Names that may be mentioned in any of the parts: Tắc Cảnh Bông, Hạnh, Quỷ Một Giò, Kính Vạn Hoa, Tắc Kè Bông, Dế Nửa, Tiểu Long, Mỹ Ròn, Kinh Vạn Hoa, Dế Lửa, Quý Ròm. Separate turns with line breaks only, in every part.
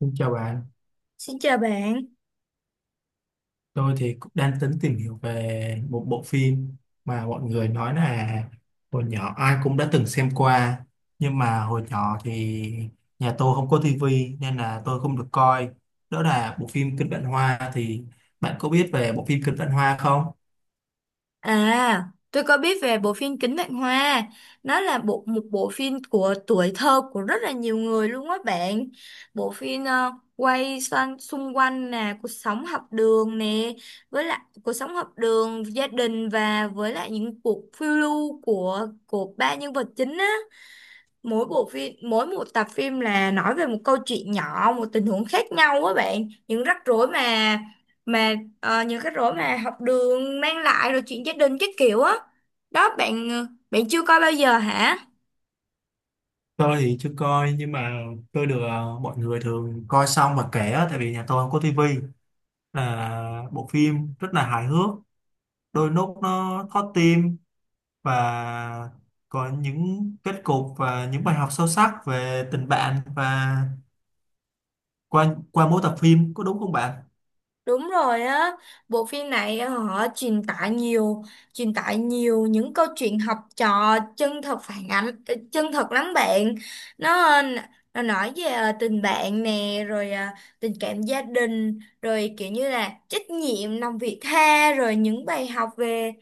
Xin chào bạn,
Xin chào bạn.
tôi thì cũng đang tính tìm hiểu về một bộ phim mà mọi người nói là hồi nhỏ ai cũng đã từng xem qua nhưng mà hồi nhỏ thì nhà tôi không có tivi nên là tôi không được coi đó là bộ phim Kinh Vạn Hoa thì bạn có biết về bộ phim Kinh Vạn Hoa không?
À, tôi có biết về bộ phim Kính Vạn Hoa. Nó là một bộ phim của tuổi thơ của rất là nhiều người luôn á bạn. Bộ phim quay xoan, xung quanh là cuộc sống học đường nè, với lại cuộc sống học đường, gia đình và với lại những cuộc phiêu lưu của ba nhân vật chính á. Mỗi bộ phim mỗi một tập phim là nói về một câu chuyện nhỏ, một tình huống khác nhau á bạn, những rắc rối mà những rắc rối mà học đường mang lại rồi chuyện gia đình các kiểu á. Đó bạn, bạn chưa coi bao giờ hả?
Tôi thì chưa coi nhưng mà tôi được mọi người thường coi xong và kể á, tại vì nhà tôi không có tivi là bộ phim rất là hài hước đôi lúc nó thót tim và có những kết cục và những bài học sâu sắc về tình bạn và qua qua mỗi tập phim có đúng không bạn?
Đúng rồi á, bộ phim này họ truyền tải nhiều những câu chuyện học trò chân thật, phản ánh, chân thật lắm bạn. Nó, ờ, nó nói về tình bạn nè, rồi tình cảm gia đình, rồi kiểu như là trách nhiệm, lòng vị tha, rồi những bài học về,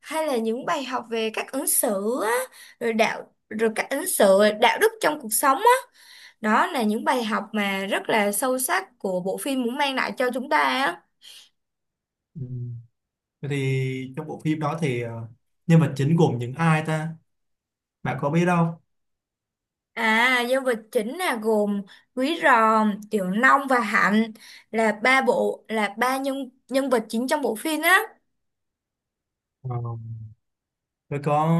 hay là những bài học về cách ứng xử á, rồi cách ứng xử, đạo đức trong cuộc sống á. Đó là những bài học mà rất là sâu sắc của bộ phim muốn mang lại cho chúng ta á.
Ừ. Vậy thì trong bộ phim đó thì nhân vật chính gồm những ai ta? Bạn có biết đâu?
À, nhân vật chính là gồm Quý Ròm, Tiểu Long và Hạnh, là ba bộ là ba nhân nhân vật chính trong bộ phim á.
Ờ, tôi có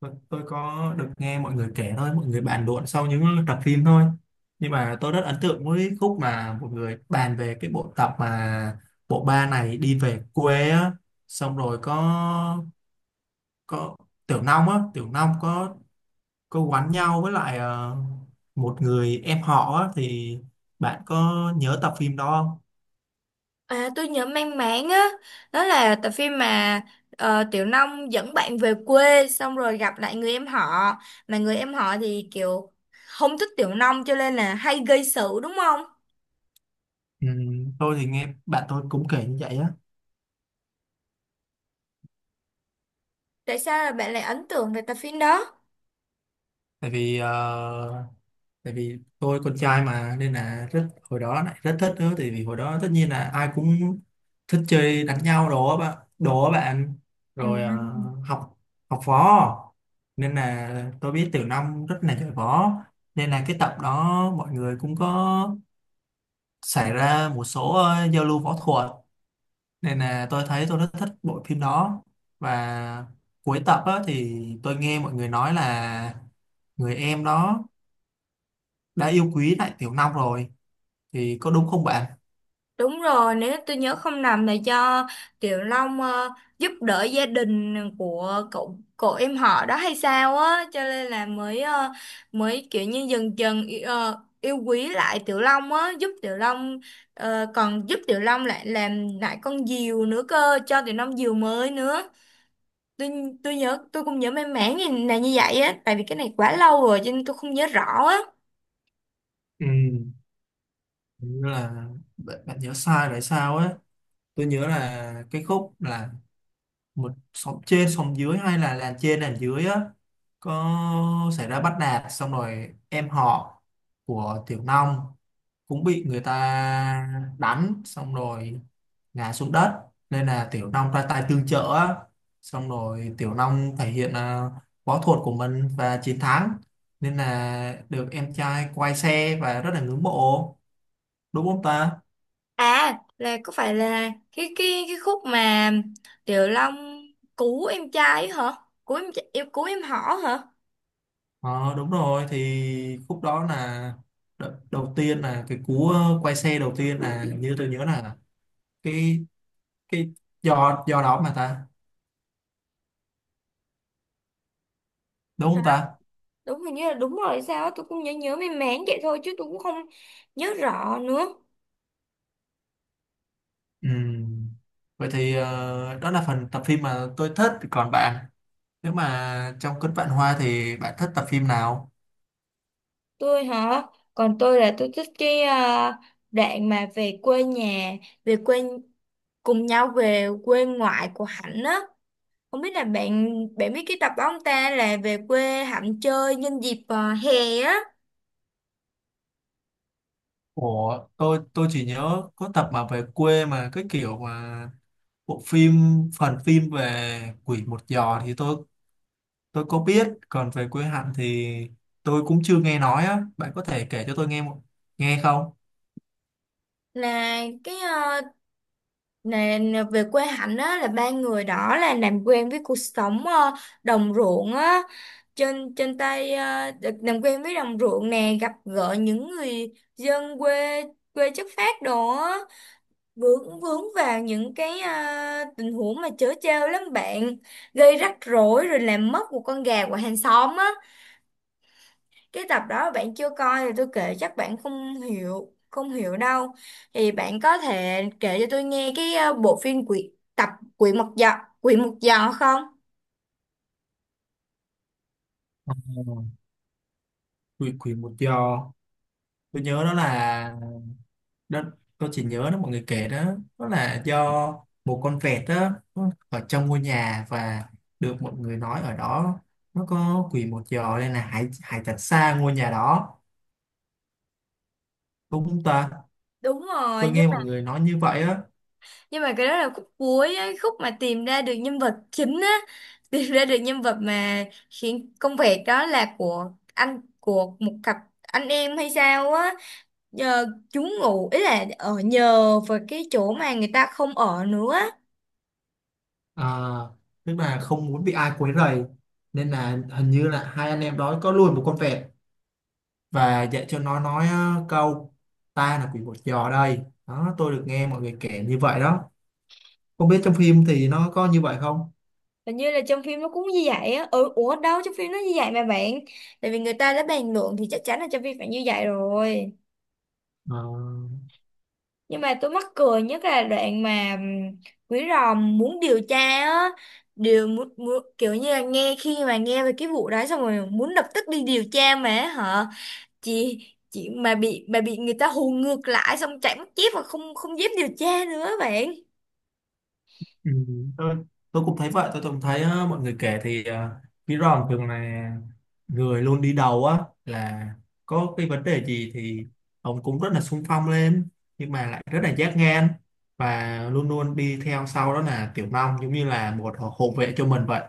tôi có được nghe mọi người kể thôi, mọi người bàn luận sau những tập phim thôi. Nhưng mà tôi rất ấn tượng với khúc mà mọi người bàn về cái bộ tập mà bộ ba này đi về quê á, xong rồi có Tiểu Long á, Tiểu Long có quán nhau với lại một người em họ á thì bạn có nhớ tập phim đó không?
À, tôi nhớ mang máng á, đó là tập phim mà Tiểu Long dẫn bạn về quê xong rồi gặp lại người em họ, mà người em họ thì kiểu không thích Tiểu Long cho nên là hay gây sự, đúng không?
Ừ, tôi thì nghe bạn tôi cũng kể như vậy á,
Tại sao là bạn lại ấn tượng về tập phim đó?
tại vì tại vì tôi con trai mà nên là rất hồi đó lại rất thích nữa, tại vì hồi đó tất nhiên là ai cũng thích chơi đánh nhau đồ á bạn
À.
rồi học học võ nên là tôi biết Tiểu Long rất là giỏi võ nên là cái tập đó mọi người cũng có xảy ra một số giao lưu võ thuật nên là tôi thấy tôi rất thích bộ phim đó và cuối tập á, thì tôi nghe mọi người nói là người em đó đã yêu quý lại Tiểu Long rồi thì có đúng không bạn?
Đúng rồi, nếu tôi nhớ không nhầm là do Tiểu Long giúp đỡ gia đình của cậu cậu em họ đó hay sao á, cho nên là mới kiểu như dần dần yêu quý lại Tiểu Long á, giúp Tiểu Long còn giúp Tiểu Long lại làm lại con diều nữa cơ, cho Tiểu Long diều mới nữa. Tôi tôi nhớ, tôi cũng nhớ mang máng như là như vậy á, tại vì cái này quá lâu rồi cho nên tôi không nhớ rõ á.
Ừ. Hình như là bạn nhớ sai rồi sao á, tôi nhớ là cái khúc là một xóm trên xóm dưới hay là làng trên làng dưới á có xảy ra bắt nạt xong rồi em họ của Tiểu Long cũng bị người ta đánh xong rồi ngã xuống đất nên là Tiểu Long ra tay tương trợ á. Xong rồi Tiểu Long thể hiện à, võ thuật của mình và chiến thắng nên là được em trai quay xe và rất là ngưỡng mộ đúng không ta?
À là có phải là cái khúc mà Tiểu Long cứu em trai ấy hả? Cứu em cứu em họ hả?
Ờ, đúng rồi, thì khúc đó là đầu tiên là cái cú quay xe đầu tiên là, như tôi nhớ là cái cái giò giò đó mà ta, đúng không ta?
Đúng, hình như là đúng rồi sao á, tôi cũng nhớ nhớ mềm mén vậy thôi chứ tôi cũng không nhớ rõ nữa.
Ừm, Vậy thì đó là phần tập phim mà tôi thích. Còn bạn, nếu mà trong Cơn Vạn Hoa thì bạn thích tập phim nào?
Tôi hả? Còn tôi là tôi thích cái đoạn mà về quê nhà, về quê cùng nhau về quê ngoại của Hạnh á. Không biết là bạn bạn biết cái tập đó không ta, là về quê Hạnh chơi nhân dịp hè á.
Ủa, tôi chỉ nhớ có tập mà về quê mà cái kiểu mà bộ phim phần phim về Quỷ Một Giò thì tôi có biết, còn về quê Hạnh thì tôi cũng chưa nghe nói á. Bạn có thể kể cho tôi nghe một nghe không?
Là cái nè, nè, về quê Hạnh á là ba người đó là làm quen với cuộc sống đồng ruộng á, trên trên tay được làm quen với đồng ruộng nè, gặp gỡ những người dân quê quê chất phác đồ á, vướng vướng vào những cái tình huống mà trớ trêu lắm bạn, gây rắc rối rồi làm mất một con gà của hàng xóm á. Cái tập đó bạn chưa coi thì tôi kể chắc bạn không hiểu đâu. Thì bạn có thể kể cho tôi nghe cái bộ phim quỷ mật dọ, quỷ mật dọ không?
Ừ. Quỷ Quỷ Một Giò. Tôi nhớ đó là, đó tôi chỉ nhớ nó mọi người kể đó, đó là do một con vẹt đó nó ở trong ngôi nhà và được mọi người nói ở đó nó có quỷ một giò nên là hãy hãy tránh xa ngôi nhà đó, đúng không ta?
Đúng rồi,
Tôi
nhưng
nghe
mà
mọi người nói như vậy á.
cái đó là khúc cuối ấy, khúc mà tìm ra được nhân vật chính á. Tìm ra được nhân vật mà khiến công việc đó là của một cặp anh em hay sao á, nhờ chúng ngủ, ý là ở nhờ vào cái chỗ mà người ta không ở nữa.
À, tức là không muốn bị ai quấy rầy nên là hình như là hai anh em đó có nuôi một con vẹt và dạy cho nó nói câu ta là quỷ một giò đây, đó tôi được nghe mọi người kể như vậy đó, không biết trong phim thì nó có như vậy không.
Hình như là trong phim nó cũng như vậy á. Ừ, ủa đâu trong phim nó như vậy mà bạn. Tại vì người ta đã bàn luận thì chắc chắn là trong phim phải như vậy rồi.
Ờ.
Nhưng mà tôi mắc cười nhất là đoạn mà Quý Ròm muốn điều tra á. Kiểu như là nghe, khi mà nghe về cái vụ đó xong rồi muốn lập tức đi điều tra mà hả? Chị chị mà bị người ta hù ngược lại xong chạy mất dép và không không dám điều tra nữa bạn.
Ừ, tôi, tôi cũng thấy vậy, tôi cũng thấy á, mọi người kể thì Mỹ Ròn thường là người luôn đi đầu á, là có cái vấn đề gì thì ông cũng rất là xung phong lên nhưng mà lại rất là giác ngang và luôn luôn đi theo sau đó là Tiểu Long giống như là một hộ vệ cho mình vậy,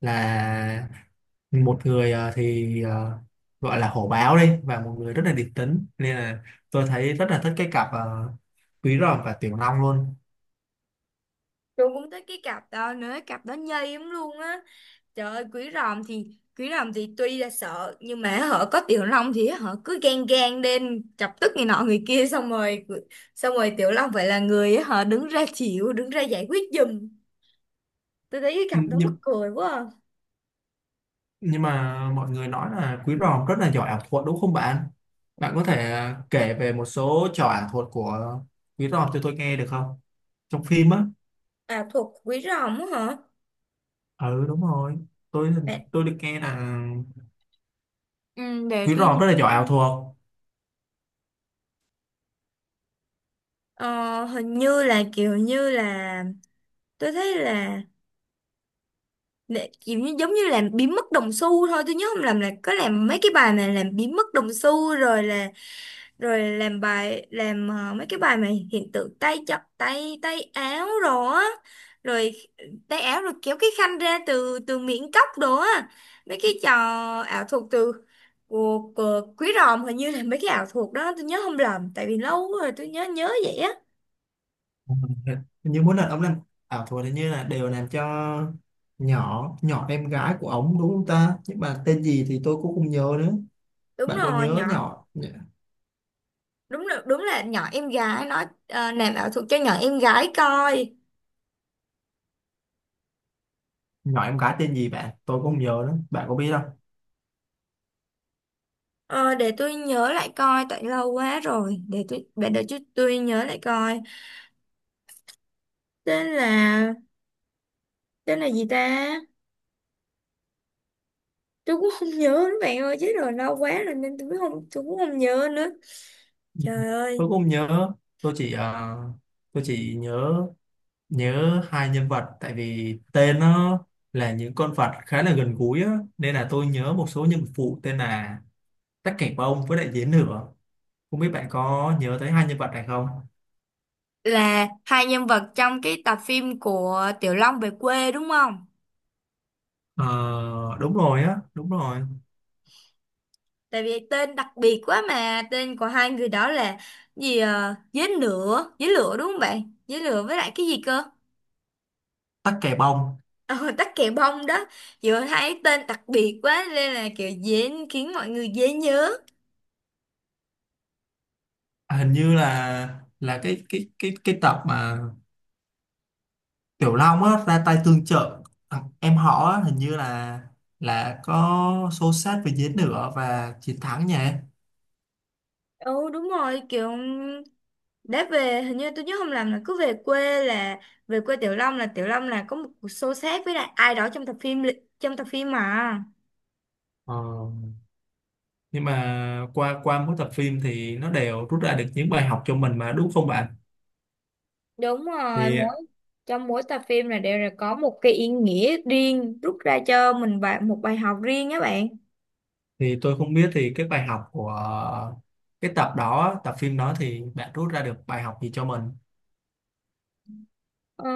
là một người gọi là hổ báo đi và một người rất là điềm tĩnh nên là tôi thấy rất là thích cái cặp Quý Ròm và Tiểu Long
Tôi cũng tới cái cặp đó nữa, cặp đó nhây lắm luôn á. Trời ơi, quý ròm thì tuy là sợ nhưng mà họ có tiểu long thì họ cứ gan gan lên chọc tức người nọ người kia, xong rồi tiểu long phải là người họ đứng ra chịu, đứng ra giải quyết giùm. Tôi thấy cái cặp đó mắc
luôn.
cười quá à.
Nhưng mà mọi người nói là Quý Ròm rất là giỏi ảo thuật đúng không bạn? Bạn có thể à, kể về một số trò ảo thuật của Quý Ròm cho tôi nghe được không? Trong phim á.
À, thuộc quý ròm á hả?
Ừ đúng rồi. Tôi
để,
tôi được nghe là
ừ, để
Quý
tôi
Ròm
nhìn
rất là giỏi ảo
coi.
thuật.
Ờ, Hình như là kiểu như là tôi thấy là kiểu như giống như làm biến mất đồng xu thôi, tôi nhớ không làm là có làm mấy cái bài mà làm biến mất đồng xu, rồi là rồi làm mấy cái bài mà hiện tượng tay chập tay tay áo đồ á, rồi tay áo rồi kéo cái khăn ra từ từ miệng cốc đồ á. Mấy cái trò ảo thuật từ của quý ròm, hình như là mấy cái ảo thuật đó tôi nhớ không lầm, tại vì lâu rồi tôi nhớ nhớ vậy á.
Ừ. Hình như mỗi lần ông làm ảo thuật hình như là đều làm cho nhỏ nhỏ em gái của ông đúng không ta? Nhưng mà tên gì thì tôi cũng không nhớ nữa.
Đúng
Bạn có
rồi
nhớ
nhỏ,
nhỏ
đúng là nhỏ em gái, nói làm ảo thuật cho nhỏ em gái coi.
nhỏ em gái tên gì bạn? Tôi cũng không nhớ nữa. Bạn có biết,
Ờ, để tôi nhớ lại coi, tại lâu quá rồi, để tôi nhớ lại coi. Tên là tên là gì ta? Tôi cũng không nhớ nữa bạn ơi, chứ rồi lâu quá rồi nên tôi cũng không nhớ nữa. Trời ơi.
tôi cũng không nhớ, tôi chỉ tôi chỉ nhớ nhớ hai nhân vật tại vì tên nó là những con vật khá là gần gũi á, nên là tôi nhớ một số nhân vật phụ tên là Tắc Cảnh Bông với lại Dế Nửa, không biết bạn có nhớ tới hai nhân vật này không.
Là hai nhân vật trong cái tập phim của Tiểu Long về quê đúng không?
Ờ, đúng rồi á đúng rồi.
Tại vì tên đặc biệt quá mà. Tên của hai người đó là gì à? Dế lửa đúng không bạn? Dế lửa với lại cái gì cơ?
Tắc Kè Bông.
Ờ, tắc kè bông đó. Vừa thấy tên đặc biệt quá nên là kiểu dễ khiến mọi người dễ nhớ.
À, hình như là cái tập mà Tiểu Long á ra tay tương trợ thằng em họ á, hình như là có xô xát với dế nữa và chiến thắng nhỉ.
Ừ đúng rồi, kiểu đã về, hình như tôi nhớ không làm là cứ về quê là về quê Tiểu Long, là Tiểu Long là có một cuộc xô xát với lại ai đó trong tập phim, trong tập phim mà.
Ờ, nhưng mà qua qua mỗi tập phim thì nó đều rút ra được những bài học cho mình mà đúng không bạn?
Đúng rồi,
Thì
mỗi trong mỗi tập phim là đều là có một cái ý nghĩa riêng, rút ra cho mình một bài học riêng á bạn.
thì tôi không biết thì cái bài học của cái tập đó, tập phim đó thì bạn rút ra được bài học gì cho mình?
Ờ,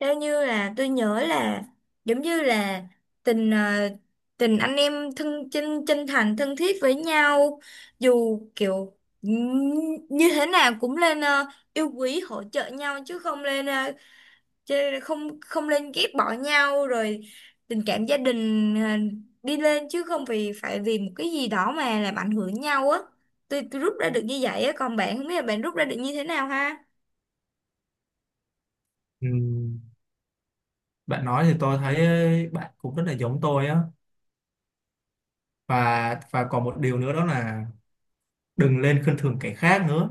theo như là tôi nhớ là giống như là tình tình anh em thân, chân chân thành thân thiết với nhau, dù kiểu như thế nào cũng lên yêu quý hỗ trợ nhau chứ không lên không không lên ghét bỏ nhau, rồi tình cảm gia đình đi lên chứ không vì phải vì một cái gì đó mà làm ảnh hưởng nhau á. Tôi rút ra được như vậy á, còn bạn, không biết là bạn rút ra được như thế nào ha.
Ừm, bạn nói thì tôi thấy bạn cũng rất là giống tôi á, và còn một điều nữa đó là đừng lên khinh thường kẻ khác nữa,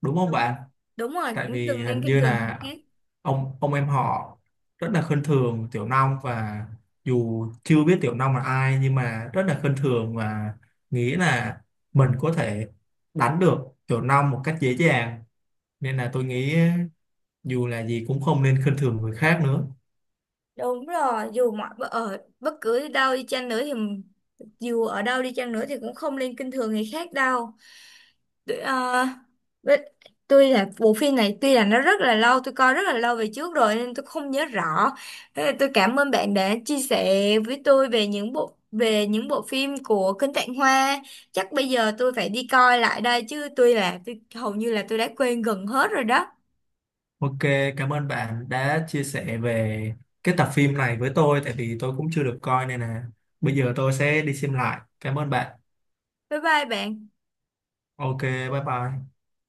đúng không
Đúng.
bạn?
Đúng rồi,
Tại
cũng
vì
đừng
hình
nên khinh
như
thường người
là
khác.
ông em họ rất là khinh thường Tiểu Long và dù chưa biết Tiểu Long là ai nhưng mà rất là khinh thường và nghĩ là mình có thể đánh được Tiểu Long một cách dễ dàng, nên là tôi nghĩ dù là gì cũng không nên khinh thường người khác nữa.
Đúng rồi, dù mọi ở bất cứ đâu đi chăng nữa thì dù ở đâu đi chăng nữa thì cũng không nên khinh thường người khác đâu. Tôi, ờ, với- tôi là, bộ phim này tuy là nó rất là lâu, tôi coi rất là lâu về trước rồi nên tôi không nhớ rõ. Thế là tôi cảm ơn bạn đã chia sẻ với tôi về những bộ phim của Kinh Tạng Hoa. Chắc bây giờ tôi phải đi coi lại đây, chứ hầu như là tôi đã quên gần hết rồi đó.
Ok, cảm ơn bạn đã chia sẻ về cái tập phim này với tôi, tại vì tôi cũng chưa được coi nên là bây giờ tôi sẽ đi xem lại, cảm ơn bạn.
Bye bye bạn.
Ok, bye bye.